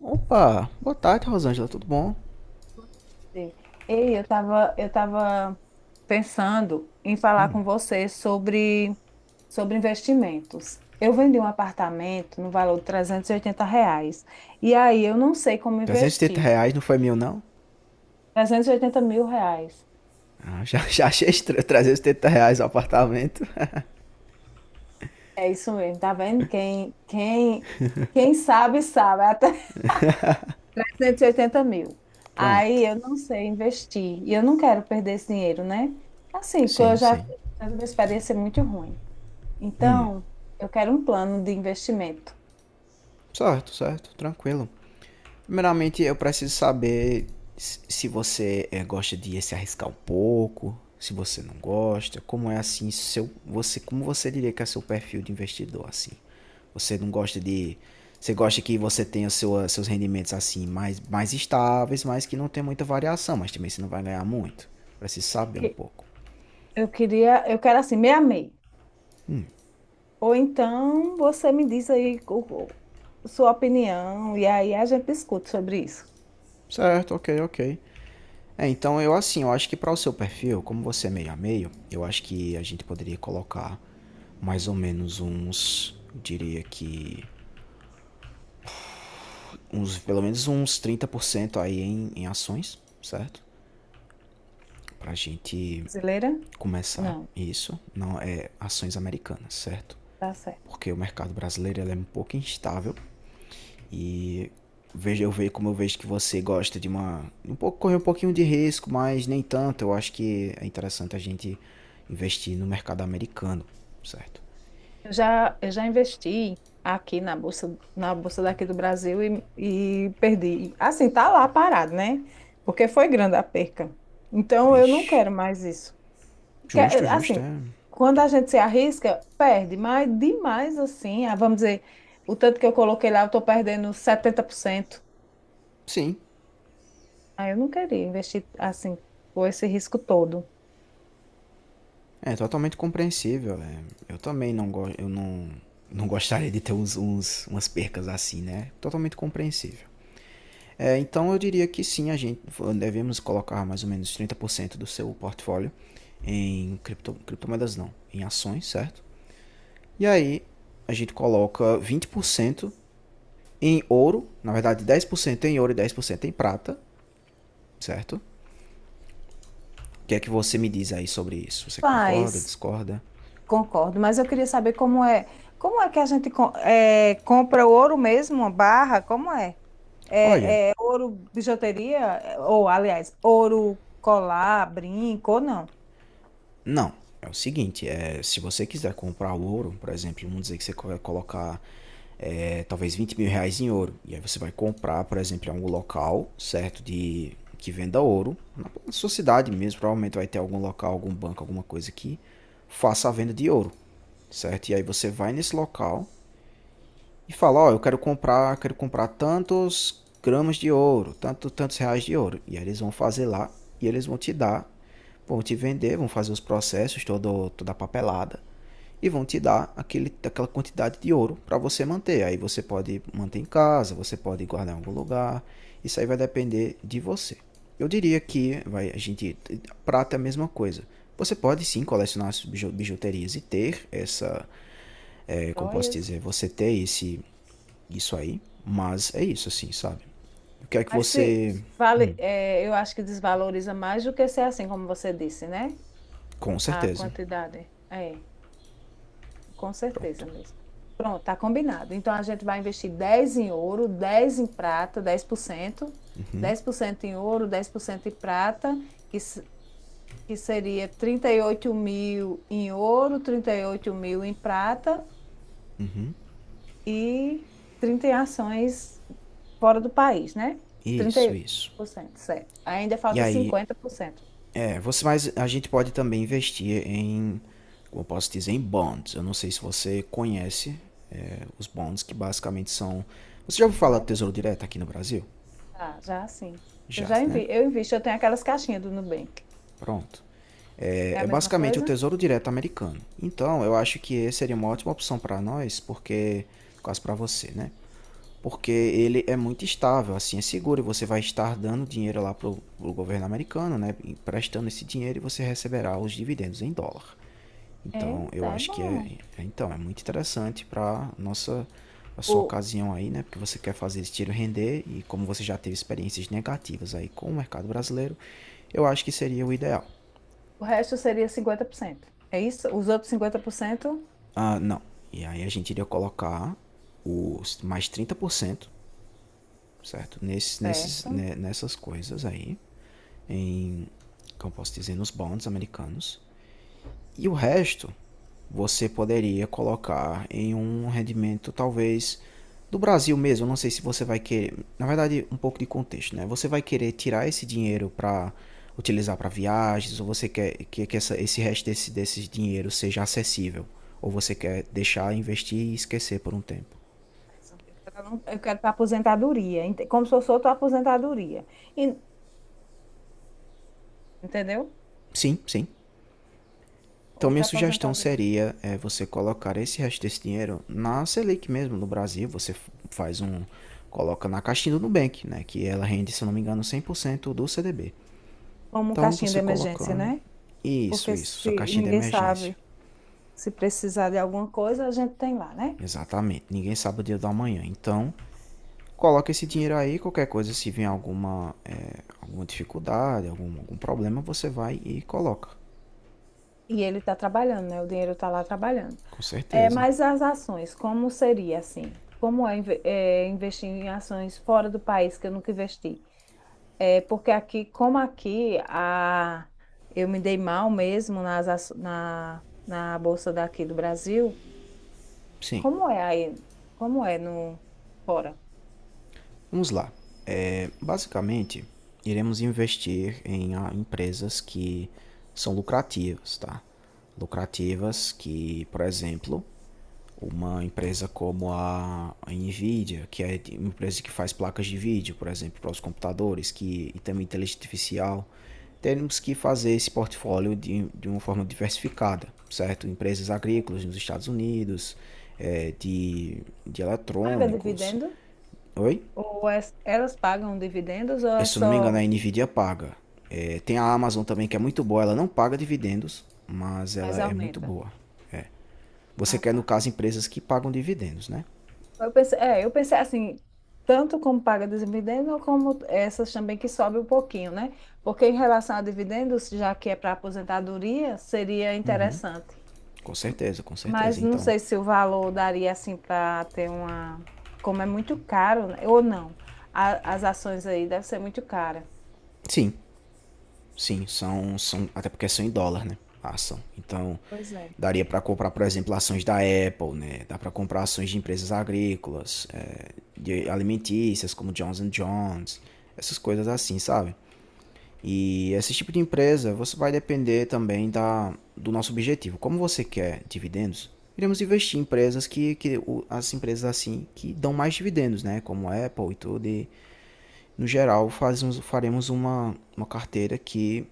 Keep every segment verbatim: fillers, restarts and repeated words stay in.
Opa, boa tarde, Rosângela, tudo bom? Sim. Ei, eu estava eu tava pensando em falar com você sobre, sobre investimentos. Eu vendi um apartamento no valor de trezentos e oitenta reais. E aí eu não sei como trezentos e oitenta investir. reais não foi meu, não? Trezentos e oitenta mil reais. Ah, já, já achei estranho, trezentos e oitenta reais o apartamento. É isso mesmo, tá vendo? Quem, quem, quem sabe, sabe. É até trezentos e oitenta mil. Pronto. Aí eu não sei investir. E eu não quero perder esse dinheiro, né? Assim, que eu Sim, já sim. tive uma experiência muito ruim. Então, eu quero um plano de investimento. Certo, certo, tranquilo. Primeiramente, eu preciso saber se você eh, gosta de se arriscar um pouco, se você não gosta, como é assim seu, você, como você diria que é seu perfil de investidor assim? Você não gosta de, você gosta que você tenha sua, seus rendimentos assim mais mais estáveis, mas que não tem muita variação, mas também você não vai ganhar muito. Preciso saber um Porque pouco. Eu queria, eu quero assim, meia meia. Ou então você me diz aí o- o- sua opinião e aí a gente discute sobre isso. Certo, ok, ok. É, então eu assim, eu acho que para o seu perfil, como você é meio a meio, eu acho que a gente poderia colocar mais ou menos uns, eu diria que uns, pelo menos uns trinta por cento aí em, em ações, certo? Pra gente Brasileira? começar Não, isso, não é ações americanas, certo? tá certo. Porque o mercado brasileiro ele é um pouco instável. E vejo eu vejo como eu vejo que você gosta de uma um pouco correr um pouquinho de risco, mas nem tanto. Eu acho que é interessante a gente investir no mercado americano, certo? Eu já, eu já investi aqui na bolsa, na bolsa daqui do Brasil e, e perdi. Assim, tá lá parado, né? Porque foi grande a perca. Então eu não Vixe. quero mais isso. Que- Justo, eh, justo, Assim, é. quando a gente se arrisca, perde, mas demais assim, ah, vamos dizer, o tanto que eu coloquei lá, eu estou perdendo setenta por cento. Sim, Ah, eu não queria investir assim, com esse risco todo. é totalmente compreensível. É. Eu também não gosto, eu não não gostaria de ter uns, uns- umas percas assim, né? Totalmente compreensível. É, então eu diria que sim, a gente devemos colocar mais ou menos trinta por cento do seu portfólio em cripto, criptomoedas não, em ações, certo? E aí a gente coloca vinte por cento em ouro, na verdade dez por cento em ouro e dez por cento em prata, certo? O que é que você me diz aí sobre isso? Você concorda, Faz, discorda? concordo, mas eu queria saber como é. Como é que a gente co- é, compra o ouro mesmo, uma barra? Como é? Olha, Ouro, bijuteria, eh, Ou, aliás, ouro, colar, brinco ou não? não. É o seguinte, é, se você quiser comprar o ouro, por exemplo, vamos dizer que você vai colocar é, talvez vinte mil reais em ouro. E aí você vai comprar, por exemplo, em algum local, certo? De que venda ouro. Na sua cidade mesmo, provavelmente vai ter algum local, algum banco, alguma coisa que faça a venda de ouro. Certo? E aí você vai nesse local e fala, ó, oh, eu quero comprar, quero comprar tantos gramas de ouro, tanto, tantos reais de ouro. E aí eles vão fazer lá e eles vão te dar, vão te vender, vão fazer os processos, todo, toda a papelada e vão te dar aquele, aquela quantidade de ouro para você manter. Aí você pode manter em casa, você pode guardar em algum lugar. Isso aí vai depender de você. Eu diria que vai, a gente prata é a mesma coisa. Você pode sim colecionar bijuterias e ter essa é, como posso Joias. dizer, você ter esse, isso aí. Mas é isso, assim, sabe? Eu quero que Mas se você. vale, é, eu acho que desvaloriza mais do que ser assim, como você disse, né? Com A certeza. quantidade. É, com Pronto. certeza mesmo. Pronto, tá combinado. Então a gente vai investir dez em ouro, dez em prata, dez dez por cento, dez por cento em ouro, dez por cento em prata, que, s- que seria trinta e oito mil em ouro, trinta e oito mil em prata e trinta em ações fora do país, né? Trinta Isso, isso. por cento, certo. Ainda E falta aí, cinquenta por cento. é, você, mas a gente pode também investir em, como eu posso dizer, em bonds. Eu não sei se você conhece é, os bonds, que basicamente são. Você já ouviu Com falar do essas? Tesouro Direto aqui no Brasil? Já, já sim. Eu Já, já né? invi, eu invisto, eu tenho aquelas caixinhas do Nubank. Pronto. É, É a é mesma basicamente o coisa? Tesouro Direto americano. Então, eu acho que esse seria uma ótima opção para nós, porque quase para você, né? Porque ele é muito estável, assim é seguro e você vai estar dando dinheiro lá pro, pro governo americano, né? Emprestando esse dinheiro e você receberá os dividendos em dólar. Então, Eita, eu é acho que é, bom. é, então, é muito interessante para nossa a sua O, ocasião aí, né? Porque você quer fazer esse tiro render e como você já teve experiências negativas aí com o mercado brasileiro, eu acho que seria o ideal. o resto seria cinquenta por cento, é isso? Os outros cinquenta por cento? Ah, não. E aí a gente iria colocar os mais trinta por cento, certo? Nesses, nesses, Certo. né, nessas coisas aí. Em, como eu posso dizer, nos bonds americanos. E o resto você poderia colocar em um rendimento talvez do Brasil mesmo. Eu não sei se você vai querer, na verdade, um pouco de contexto, né? Você vai querer tirar esse dinheiro para utilizar para viagens ou você quer que, que essa, esse resto desse, desse dinheiro seja acessível ou você quer deixar investir e esquecer por um tempo. Eu quero, eu quero para aposentadoria, ente- como se fosse outra aposentadoria. E- entendeu? Sim, sim. Então, minha Outra sugestão aposentadoria. seria é, você colocar esse resto desse dinheiro na Selic mesmo, no Brasil. Você faz um. Coloca na caixinha do Nubank, né? Que ela rende, se não me engano, cem por cento do C D B. Como um Então, caixinha de você emergência, colocando. né? Isso, Porque isso. Sua se caixinha de ninguém emergência. sabe, se precisar de alguma coisa, a gente tem lá, né? Exatamente. Ninguém sabe o dia da manhã. Então, coloca esse dinheiro aí. Qualquer coisa, se vier alguma, é, alguma dificuldade, algum, algum problema, você vai e coloca. E ele está trabalhando, né? O dinheiro está lá trabalhando. Com É, certeza. mas as ações, como seria assim? Como é, inve- é, investir em ações fora do país que eu nunca investi? É, porque aqui, como aqui, a, eu me dei mal mesmo nas, aço- na, na bolsa daqui do Brasil. Sim. Como é aí? Como é no fora? Vamos lá. É, basicamente, iremos investir em ah, empresas que são lucrativas, tá? Lucrativas que, por exemplo, uma empresa como a Nvidia, que é uma empresa que faz placas de vídeo, por exemplo, para os computadores, que e também inteligência artificial, temos que fazer esse portfólio de, de uma forma diversificada, certo? Empresas agrícolas nos Estados Unidos, eh, de, de Paga eletrônicos. dividendo? Oi? Ou é- elas pagam dividendos ou é Se eu não me engano, só, a Nvidia paga. É, tem a Amazon também que é muito boa, ela não paga dividendos, mas ela mas é muito aumenta? boa. Você Ah, quer, no tá. caso, empresas que pagam dividendos, né? Eu pensei, é, eu pensei assim, tanto como paga dividendo, como essas também que sobe um pouquinho, né? Porque em relação a dividendos, já que é para aposentadoria, seria interessante. Com certeza, com certeza. Mas não Então, sei se o valor daria assim para ter uma. Como é muito caro, né? Ou não. A- as ações aí devem ser muito caras. sim, sim, são, são até porque são em dólar, né? A ação. Então, Pois é. daria para comprar, por exemplo, ações da Apple, né? Dá para comprar ações de empresas agrícolas, é, de alimentícias, como Johnson and Johnson, essas coisas assim, sabe? E esse tipo de empresa, você vai depender também da, do nosso objetivo. Como você quer dividendos, iremos investir em empresas que, que as empresas assim que dão mais dividendos, né? Como a Apple e tudo. E, no geral, fazemos, faremos uma, uma carteira que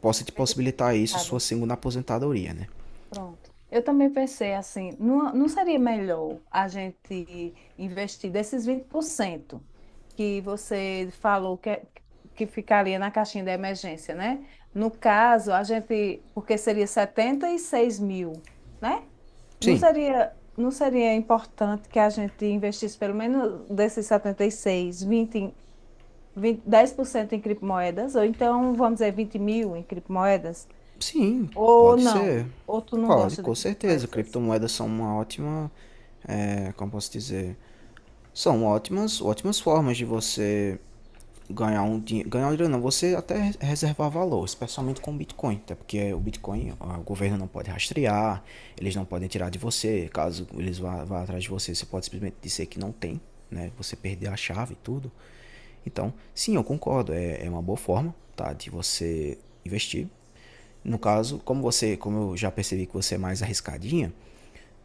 possa te Bem possibilitar isso, sua diversificado. segunda aposentadoria, né? Pronto. Eu também pensei assim, não, não seria melhor a gente investir desses vinte por cento que você falou que, é- que ficaria na caixinha da emergência, né? No caso, a gente, porque seria setenta e seis mil, né? Não Sim, seria, não seria importante que a gente investisse pelo menos desses setenta e seis, vinte, vinte, dez por cento em vinte, dez por cento em criptomoedas, ou então, vamos dizer, vinte mil em criptomoedas, sim, ou pode ser. não? Ou tu não Pode, gosta de com certeza. criptomoedas? Criptomoedas são uma ótima, é, como posso dizer, são ótimas, ótimas formas de você ganhar um dinheiro. Ganhar um dinheiro não, você até reservar valor, especialmente com o Bitcoin, até porque o Bitcoin o governo não pode rastrear, eles não podem tirar de você. Caso eles vá, vá atrás de você, você pode simplesmente dizer que não tem, né? Você perder a chave e tudo. Então, sim, eu concordo, é, é uma boa forma, tá, de você investir. No Mas, caso, como você, como eu já percebi que você é mais arriscadinha,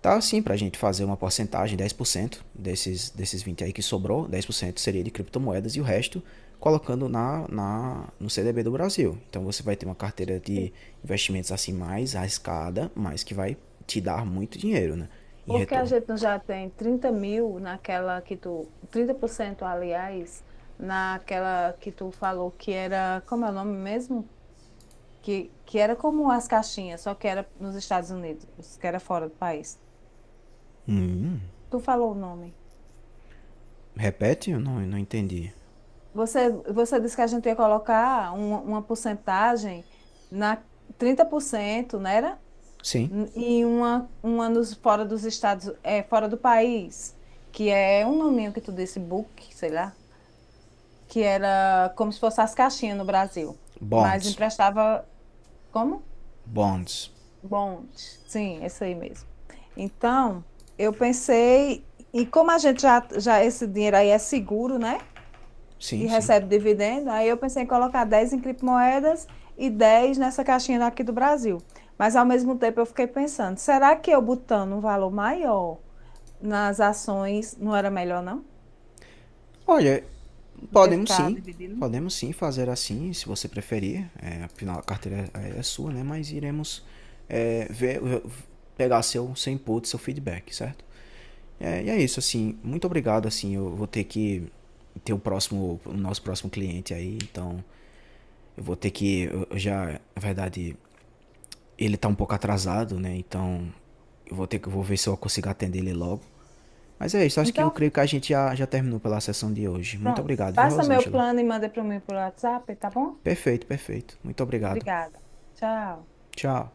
tá sim pra gente fazer uma porcentagem, dez por cento desses desses vinte aí que sobrou, dez por cento seria de criptomoedas e o resto colocando na, na no C D B do Brasil. Então você vai ter uma carteira sim, de investimentos assim mais arriscada, mas que vai te dar muito dinheiro, né, em porque a retorno. gente não já tem trinta mil naquela que tu. Trinta por cento, aliás, naquela que tu falou que era. Como é o nome mesmo? Que, que era como as caixinhas, só que era nos Estados Unidos, que era fora do país. Tu falou o nome. Repete? Eu não, eu não entendi. Você, você disse que a gente ia colocar uma, uma porcentagem na, trinta por cento, não era? Sim, N- E uma, uma nos, fora dos Estados, é, fora do país, que é um nominho que tu disse, book, sei lá. Que era como se fosse as caixinhas no Brasil, mas bonds, emprestava como? bonds. Bonde. Sim, esse aí mesmo. Então, eu pensei, e como a gente já, já esse dinheiro aí é seguro, né? E Sim, sim. recebe dividendo, aí eu pensei em colocar dez em criptomoedas e dez nessa caixinha daqui do Brasil. Mas ao mesmo tempo eu fiquei pensando, será que eu botando um valor maior nas ações não era melhor, não? Olha, Do que podemos ficar sim. dividindo? Podemos sim fazer assim, se você preferir. É, afinal, a carteira é, é sua, né? Mas iremos é, ver, pegar seu, seu input, seu feedback, certo? É, e é isso, assim. Muito obrigado, assim. Eu vou ter que ter o próximo, o nosso próximo cliente aí. Então, eu vou ter que, eu eu já, na verdade, ele tá um pouco atrasado, né? Então, eu vou ter que, eu vou ver se eu consigo atender ele logo. Mas é isso, acho que eu Então, creio que a gente já, já terminou pela sessão de hoje. Muito pronto. obrigado, viu, Passa meu Rosângela? plano e manda para mim pelo WhatsApp, tá bom? Perfeito, perfeito. Muito obrigado. Obrigada. Tchau. Tchau.